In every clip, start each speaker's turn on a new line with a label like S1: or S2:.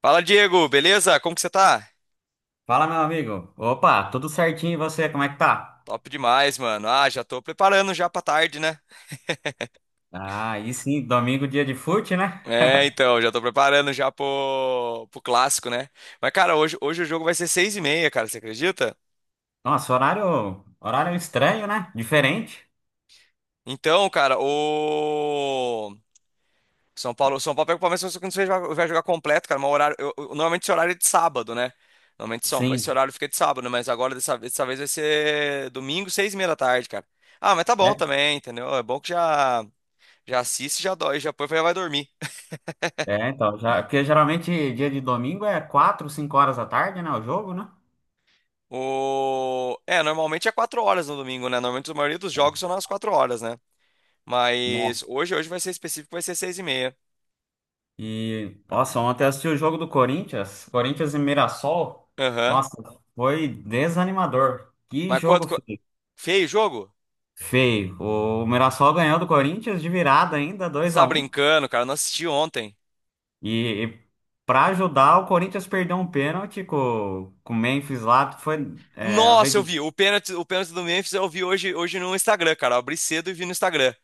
S1: Fala, Diego, beleza? Como que você tá?
S2: Fala, meu amigo. Opa, tudo certinho e você? Como é que tá?
S1: Top demais, mano. Ah, já tô preparando já pra tarde, né?
S2: Ah, e sim, domingo, dia de fute, né?
S1: É, então, já tô preparando já pro clássico, né? Mas, cara, hoje o jogo vai ser seis e meia, cara, você acredita?
S2: Nossa, horário estranho, né? Diferente.
S1: Então, cara, o São Paulo pega o Palmeiras, só que não sei se vai jogar completo, cara, mas o horário, normalmente esse horário é de sábado, né? Normalmente esse
S2: Sim.
S1: horário fica de sábado, né? Mas agora dessa vez vai ser domingo, seis e meia da tarde, cara. Ah, mas tá bom
S2: É,
S1: também, entendeu? É bom que já assiste, já dói, já põe, já vai dormir.
S2: porque geralmente dia de domingo é 4, 5 horas da tarde, né? O jogo, né?
S1: É, normalmente é quatro horas no domingo, né? Normalmente a maioria dos jogos são nas quatro horas, né? Mas
S2: Nossa.
S1: hoje vai ser específico, vai ser seis e meia.
S2: Nossa, ontem eu assisti o jogo do Corinthians, Mirassol.
S1: Aham.
S2: Nossa, foi desanimador. Que
S1: Mas quanto...
S2: jogo
S1: co-
S2: feio.
S1: Feio o jogo?
S2: Feio. O Mirassol ganhou do Corinthians de virada ainda,
S1: Você
S2: dois a
S1: tá
S2: um.
S1: brincando, cara. Eu não assisti ontem.
S2: E para ajudar, o Corinthians perdeu um pênalti com o Memphis lá. Foi, é, a
S1: Nossa,
S2: vez-
S1: eu vi. O pênalti do Memphis eu vi hoje no Instagram, cara. Eu abri cedo e vi no Instagram.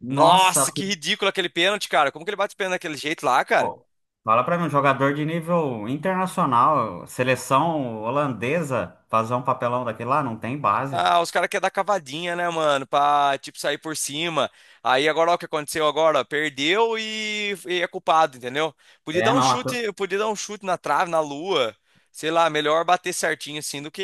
S2: Nossa,
S1: Nossa, que ridículo aquele pênalti, cara. Como que ele bate o pênalti daquele jeito lá, cara?
S2: pô, fala para mim, um jogador de nível internacional, seleção holandesa, fazer um papelão daquele lá, não tem base.
S1: Ah, os caras querem dar cavadinha, né, mano? Pra, tipo, sair por cima. Aí agora, ó, o que aconteceu agora? Ó, perdeu e é culpado, entendeu? Podia
S2: É,
S1: dar um
S2: não, a tro-
S1: chute, podia dar um chute na trave, na lua. Sei lá, melhor bater certinho assim do que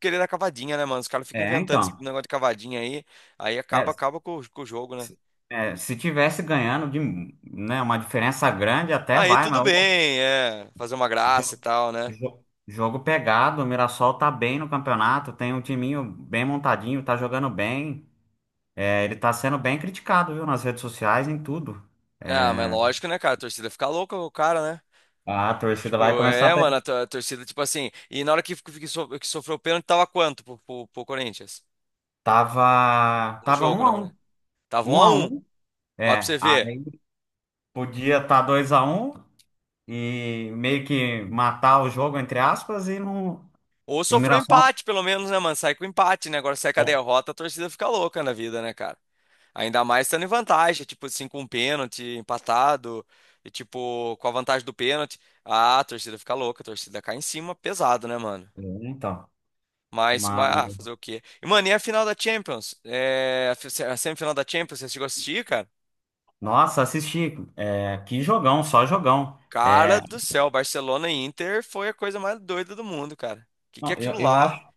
S1: querer dar cavadinha, né, mano? Os caras ficam
S2: é,
S1: inventando
S2: então.
S1: esse negócio de cavadinha aí. Aí
S2: É,
S1: acaba com o jogo, né?
S2: se, se tivesse ganhando de, né, uma diferença grande, até
S1: Aí
S2: vai,
S1: tudo
S2: mas o
S1: bem, é. Fazer uma graça e
S2: jo-
S1: tal, né?
S2: jogo pegado, o Mirassol tá bem no campeonato, tem um timinho bem montadinho, tá jogando bem. É, ele tá sendo bem criticado, viu, nas redes sociais, em tudo.
S1: Ah, mas
S2: É,
S1: lógico, né, cara? A torcida fica louca com o cara, né?
S2: a torcida vai
S1: Tipo,
S2: começar a...
S1: é, mano, a torcida, tipo assim. E na hora que sofreu o pênalti, tava quanto pro Corinthians? No
S2: Tava
S1: jogo,
S2: um
S1: na
S2: a
S1: verdade.
S2: um.
S1: Tava um
S2: Um
S1: a
S2: a
S1: um.
S2: um.
S1: Ó, pra você
S2: É,
S1: ver.
S2: aí podia estar dois a um e meio que matar o jogo, entre aspas, e não...
S1: Ou
S2: E o
S1: sofreu
S2: Mirassol...
S1: empate, pelo menos, né, mano? Sai com empate, né? Agora sai com a
S2: É,
S1: derrota, a torcida fica louca na vida, né, cara? Ainda mais estando em vantagem, tipo assim, com um pênalti empatado, e tipo, com a vantagem do pênalti. Ah, a torcida fica louca, a torcida cai em cima, pesado, né, mano?
S2: é, Então,
S1: Mas,
S2: mas...
S1: mas ah, fazer o quê? E, mano, e a final da Champions? É, a semifinal da Champions, você chegou a assistir, cara?
S2: Nossa, assisti. É, que jogão, só jogão.
S1: Cara
S2: É,
S1: do céu, Barcelona e Inter foi a coisa mais doida do mundo, cara. Que é
S2: não,
S1: aquilo lá?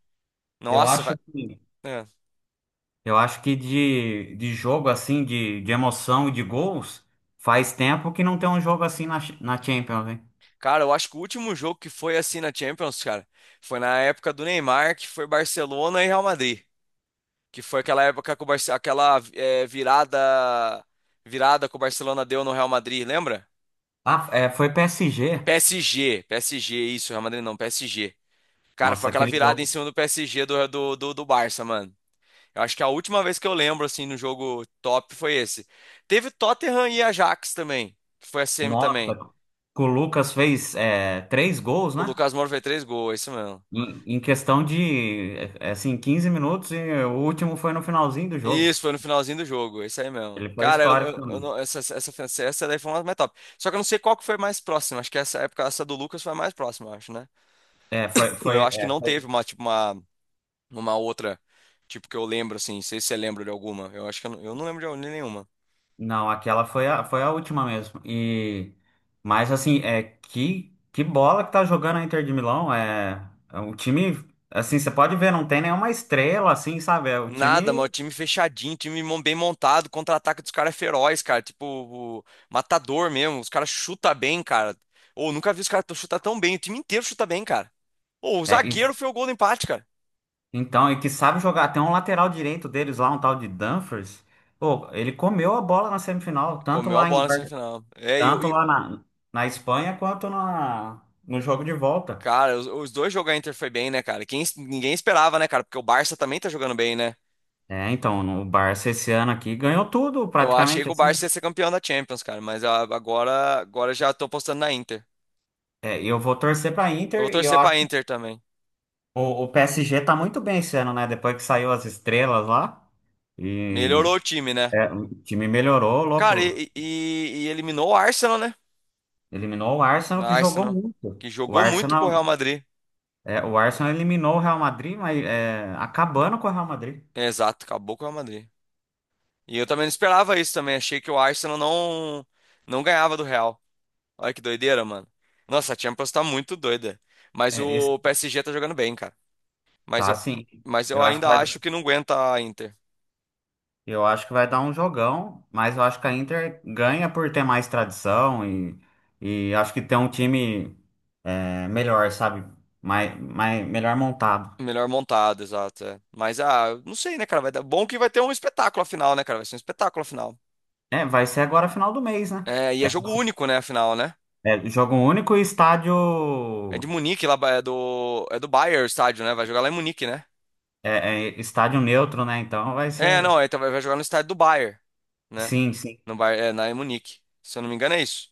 S2: eu
S1: Nossa, vai.
S2: acho que...
S1: É.
S2: Eu acho que de jogo assim, de emoção e de gols, faz tempo que não tem um jogo assim na, na Champions, hein?
S1: Cara, eu acho que o último jogo que foi assim na Champions, cara, foi na época do Neymar, que foi Barcelona e Real Madrid, que foi aquela época que o aquela virada que o Barcelona deu no Real Madrid, lembra?
S2: Ah, é, foi PSG.
S1: PSG, PSG, isso, Real Madrid não, PSG. Cara, foi
S2: Nossa,
S1: aquela
S2: aquele
S1: virada em
S2: jogo.
S1: cima do PSG do Barça, mano. Eu acho que a última vez que eu lembro, assim, no jogo top foi esse. Teve Tottenham e Ajax também, que foi a semi
S2: Nossa,
S1: também.
S2: que o Lucas fez três gols,
S1: O
S2: né?
S1: Lucas Moura fez três gols, é isso mesmo.
S2: Em questão de, é, assim, 15 minutos e o último foi no finalzinho do
S1: Isso,
S2: jogo.
S1: foi no finalzinho do jogo, é isso aí mesmo.
S2: Ele foi
S1: Cara,
S2: histórico
S1: eu
S2: também.
S1: não- essa, essa, essa essa daí foi uma mais top. Só que eu não sei qual que foi mais próxima. Acho que essa época, essa do Lucas foi a mais próxima, eu acho, né?
S2: É, foi,
S1: Eu
S2: foi,
S1: acho que
S2: é,
S1: não teve
S2: foi
S1: uma, tipo, uma outra, tipo, que eu lembro, assim. Não sei se você lembra de alguma. Eu acho que eu não lembro de nenhuma.
S2: Não, foi a última mesmo. E mas assim, é que bola que tá jogando a Inter de Milão, é, é um time assim, você pode ver, não tem nenhuma estrela assim, sabe? É o
S1: Nada,
S2: time
S1: mano. Time fechadinho, bem montado, contra-ataque dos caras é feroz, cara. Tipo, matador mesmo. Os caras chutam bem, cara. Ou nunca vi os caras chutar tão bem. O time inteiro chuta bem, cara. Ou o
S2: é, e-
S1: zagueiro foi o gol do empate, cara.
S2: e que sabe jogar, tem um lateral direito deles lá, um tal de Dumfries. Pô, ele comeu a bola na semifinal,
S1: Comeu a bola na semifinal. É,
S2: Tanto lá na Espanha quanto no jogo de volta.
S1: cara, os dois jogos da Inter foi bem, né, cara? Ninguém esperava, né, cara? Porque o Barça também tá jogando bem, né?
S2: É, então, o Barça esse ano aqui ganhou tudo,
S1: Eu achei
S2: praticamente
S1: que o
S2: assim.
S1: Barça ia ser campeão da Champions, cara. Mas agora já tô apostando na Inter.
S2: É, eu vou torcer pra
S1: Eu vou
S2: Inter e eu
S1: torcer pra Inter também.
S2: O PSG tá muito bem esse ano, né? Depois que saiu as estrelas lá. E
S1: Melhorou o time, né?
S2: é, o time melhorou,
S1: Cara,
S2: louco.
S1: e eliminou o Arsenal, né?
S2: Eliminou o Arsenal,
S1: Na
S2: que jogou
S1: Arsenal,
S2: muito.
S1: que jogou muito com o Real Madrid.
S2: O Arsenal eliminou o Real Madrid, mas é, acabando com o Real Madrid.
S1: É, exato, acabou com o Real Madrid. E eu também não esperava isso também. Achei que o Arsenal não ganhava do Real. Olha que doideira, mano. Nossa, a Champions tá muito doida. Mas
S2: É, esse,
S1: o PSG tá jogando bem, cara. Mas
S2: tá
S1: eu,
S2: assim.
S1: mas eu
S2: Eu acho que
S1: ainda
S2: vai,
S1: acho que não aguenta a Inter.
S2: eu acho que vai dar um jogão, mas eu acho que a Inter ganha por ter mais tradição e acho que tem um time é, melhor, sabe? Melhor montado.
S1: Melhor montado, exato. É. Mas, ah, eu não sei, né, cara? Vai dar. Bom que vai ter um espetáculo afinal, né, cara? Vai ser um espetáculo afinal.
S2: É, vai ser agora final do mês, né?
S1: É, e é jogo único, né, afinal, né?
S2: É, é jogo único e estádio.
S1: É de Munique, lá é do Bayern o estádio, né? Vai jogar lá em Munique, né?
S2: É, é estádio neutro, né? Então vai
S1: É,
S2: ser.
S1: não, é, então vai jogar no estádio do Bayern, né?
S2: Sim, sim.
S1: No Bayern, é, na em Munique. Se eu não me engano é isso.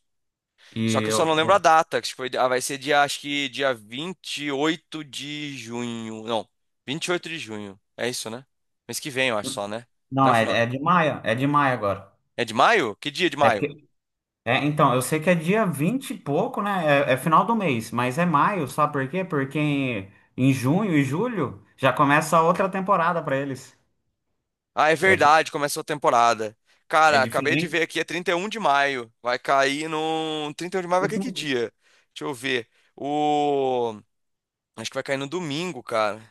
S2: E
S1: Só que eu
S2: eu.
S1: só não lembro a
S2: eu-
S1: data, que foi, vai ser dia, acho que dia 28 de junho. Não, 28 de junho. É isso, né? Mês que vem, eu acho só, né? Não é
S2: Não, é,
S1: final.
S2: é de maio. É de maio agora.
S1: É de maio? Que dia de
S2: É
S1: maio?
S2: porque. É, então, eu sei que é dia 20 e pouco, né? É, é final do mês, mas é maio, sabe por quê? Porque em junho e julho já começa outra temporada pra eles.
S1: Ah, é
S2: É, que-
S1: verdade, começou a temporada.
S2: é
S1: Cara, acabei de ver
S2: diferente.
S1: aqui, é 31 de maio. Vai cair no 31 de maio vai cair que
S2: Último.
S1: dia? Deixa eu ver. O Acho que vai cair no domingo, cara.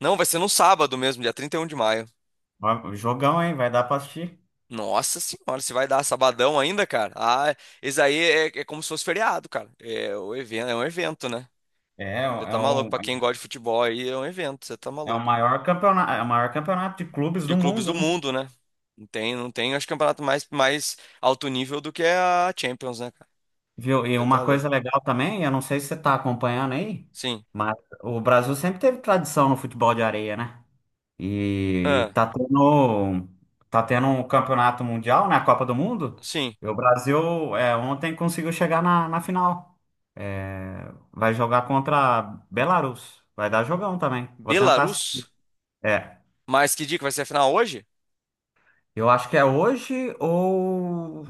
S1: Não, vai ser no sábado mesmo, dia 31 de maio.
S2: Ó, jogão, hein? Vai dar pra assistir.
S1: Nossa senhora, se vai dar sabadão ainda, cara? Ah, esse aí é como se fosse feriado, cara. É, o evento, é um evento, né?
S2: É,
S1: Você
S2: é
S1: tá maluco.
S2: um.
S1: Pra quem gosta de futebol aí, é um evento, você tá
S2: É o
S1: maluco.
S2: maior campeonato, é o maior campeonato de clubes do
S1: De clubes
S2: mundo,
S1: do
S2: né?
S1: mundo, né? Não tem, não tem, acho que campeonato mais alto nível do que a Champions, né, cara?
S2: Viu? E
S1: Você tá
S2: uma
S1: louco.
S2: coisa legal também, eu não sei se você está acompanhando aí,
S1: Sim.
S2: mas o Brasil sempre teve tradição no futebol de areia, né? E
S1: Ah,
S2: tá tendo um campeonato mundial, né? A Copa do Mundo.
S1: sim.
S2: E o Brasil é, ontem conseguiu chegar na final. É, vai jogar contra a Belarus. Vai dar jogão também. Vou tentar assistir.
S1: Belarus?
S2: É,
S1: Mas que dia que vai ser a final hoje?
S2: eu acho que é hoje ou.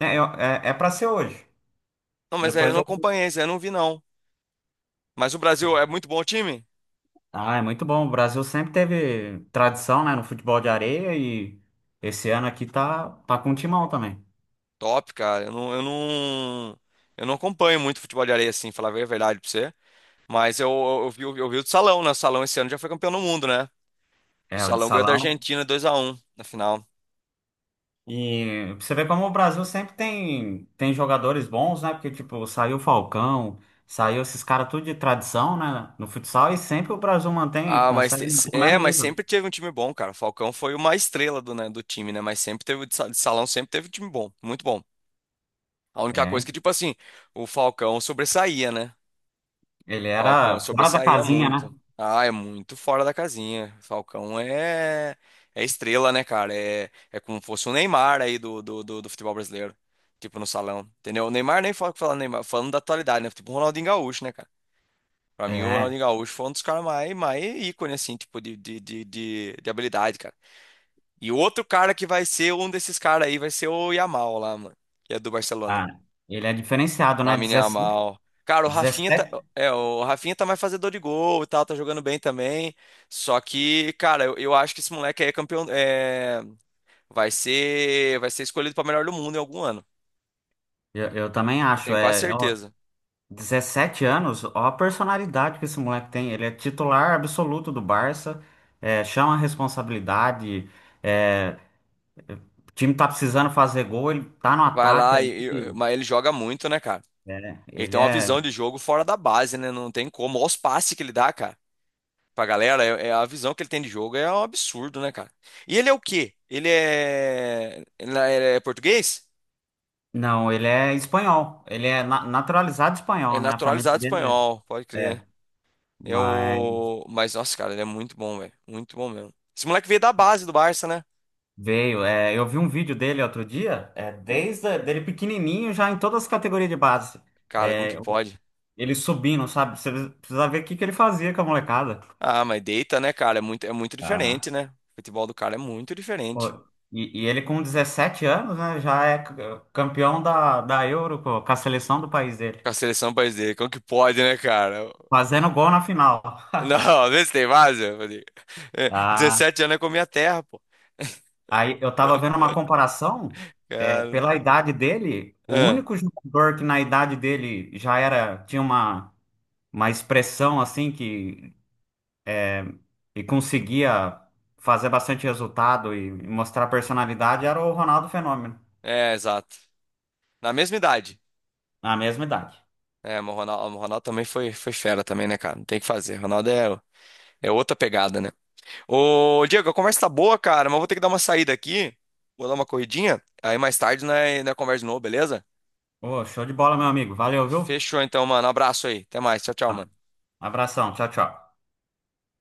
S2: É, eu- é, é para ser hoje.
S1: Não, mas aí eu
S2: Depois
S1: não
S2: eu
S1: acompanhei, isso aí eu não vi, não. Mas o Brasil é muito bom time?
S2: Ah, é muito bom. O Brasil sempre teve tradição, né, no futebol de areia e esse ano aqui tá com um timão também.
S1: Top, cara. Eu não acompanho muito futebol de areia assim, falar bem a verdade pra você. Mas eu vi o do Salão, né? O Salão esse ano já foi campeão do mundo, né? O
S2: É, o de
S1: Salão ganhou da
S2: salão.
S1: Argentina dois a um na final.
S2: E você vê como o Brasil sempre tem jogadores bons, né? Porque, tipo, saiu o Falcão, saiu esses caras tudo de tradição, né, no futsal e sempre o Brasil mantém,
S1: Ah,
S2: consegue manter o mesmo
S1: mas
S2: nível.
S1: sempre teve um time bom, cara. O Falcão foi uma estrela do, né, do time, né? Mas sempre teve, de Salão sempre teve um time bom, muito bom. A única coisa
S2: É,
S1: que, tipo assim, o Falcão sobressaía, né?
S2: ele
S1: Falcão
S2: era fora da
S1: sobressaía
S2: casinha, né?
S1: muito. Ah, é muito fora da casinha. Falcão é, estrela, né, cara? É como fosse o Neymar aí do futebol brasileiro. Tipo, no salão. Entendeu? O Neymar nem falando Neymar, falando da atualidade, né? Tipo o Ronaldinho Gaúcho, né, cara? Pra mim, o
S2: É,
S1: Ronaldinho Gaúcho foi um dos caras mais ícone, assim, tipo, de habilidade, cara. E outro cara que vai ser um desses caras aí vai ser o Yamal lá, mano. Que é do Barcelona.
S2: ah, ele é diferenciado, né?
S1: Lamine
S2: 17?
S1: Yamal. Cara, o Rafinha tá,
S2: 17,
S1: é, o Rafinha tá mais fazedor de gol e tal, tá jogando bem também. Só que, cara, eu acho que esse moleque aí é campeão, vai ser escolhido pra melhor do mundo em algum ano.
S2: eu também
S1: Eu
S2: acho.
S1: tenho quase
S2: É,
S1: certeza.
S2: 17 anos, ó a personalidade que esse moleque tem. Ele é titular absoluto do Barça, é, chama a responsabilidade, é, o time tá precisando fazer gol, ele tá no
S1: Vai
S2: ataque
S1: lá
S2: ali.
S1: mas ele joga muito, né, cara?
S2: É,
S1: Ele
S2: ele
S1: tem uma
S2: é.
S1: visão de jogo fora da base, né? Não tem como. Olha os passes que ele dá, cara. Pra galera, é, a visão que ele tem de jogo é um absurdo, né, cara? E ele é o quê? Ele é português?
S2: Não, ele é espanhol. Ele é naturalizado
S1: É
S2: espanhol, né? A família
S1: naturalizado
S2: dele
S1: espanhol, pode
S2: é. é,
S1: crer.
S2: mas
S1: Eu. Mas, nossa, cara, ele é muito bom, velho. Muito bom mesmo. Esse moleque veio da base do Barça, né?
S2: veio. É, eu vi um vídeo dele outro dia, é, dele pequenininho, já em todas as categorias de base.
S1: Cara, como que
S2: É,
S1: pode?
S2: ele subindo, sabe? Você precisa ver o que que ele fazia com a molecada.
S1: Ah, mas deita, né, cara? É muito diferente, né? O futebol do cara é muito
S2: Pô,
S1: diferente.
S2: e ele com 17 anos, né, já é é, campeão da, da Euro pô, com a seleção do país dele,
S1: Com a seleção do país dele, como que pode, né, cara?
S2: fazendo gol na final.
S1: Não, vê se tem base. Eu falei,
S2: Ah,
S1: 17 anos é com a minha terra, pô.
S2: aí eu tava vendo uma comparação, é,
S1: Cara.
S2: pela idade dele, o
S1: ah,
S2: único jogador que na idade dele já era, tinha uma expressão assim que conseguia fazer bastante resultado e mostrar personalidade era o Ronaldo Fenômeno,
S1: É, exato. Na mesma idade.
S2: na mesma idade.
S1: É, mas o Ronaldo também foi fera também, né, cara? Não tem o que fazer. O Ronaldo é, outra pegada, né? Ô, Diego, a conversa tá boa, cara, mas eu vou ter que dar uma saída aqui. Vou dar uma corridinha. Aí mais tarde, né, conversa de novo, beleza?
S2: Ô, show de bola, meu amigo. Valeu, viu?
S1: Fechou então, mano. Abraço aí. Até mais. Tchau, tchau, mano.
S2: Abração, tchau, tchau.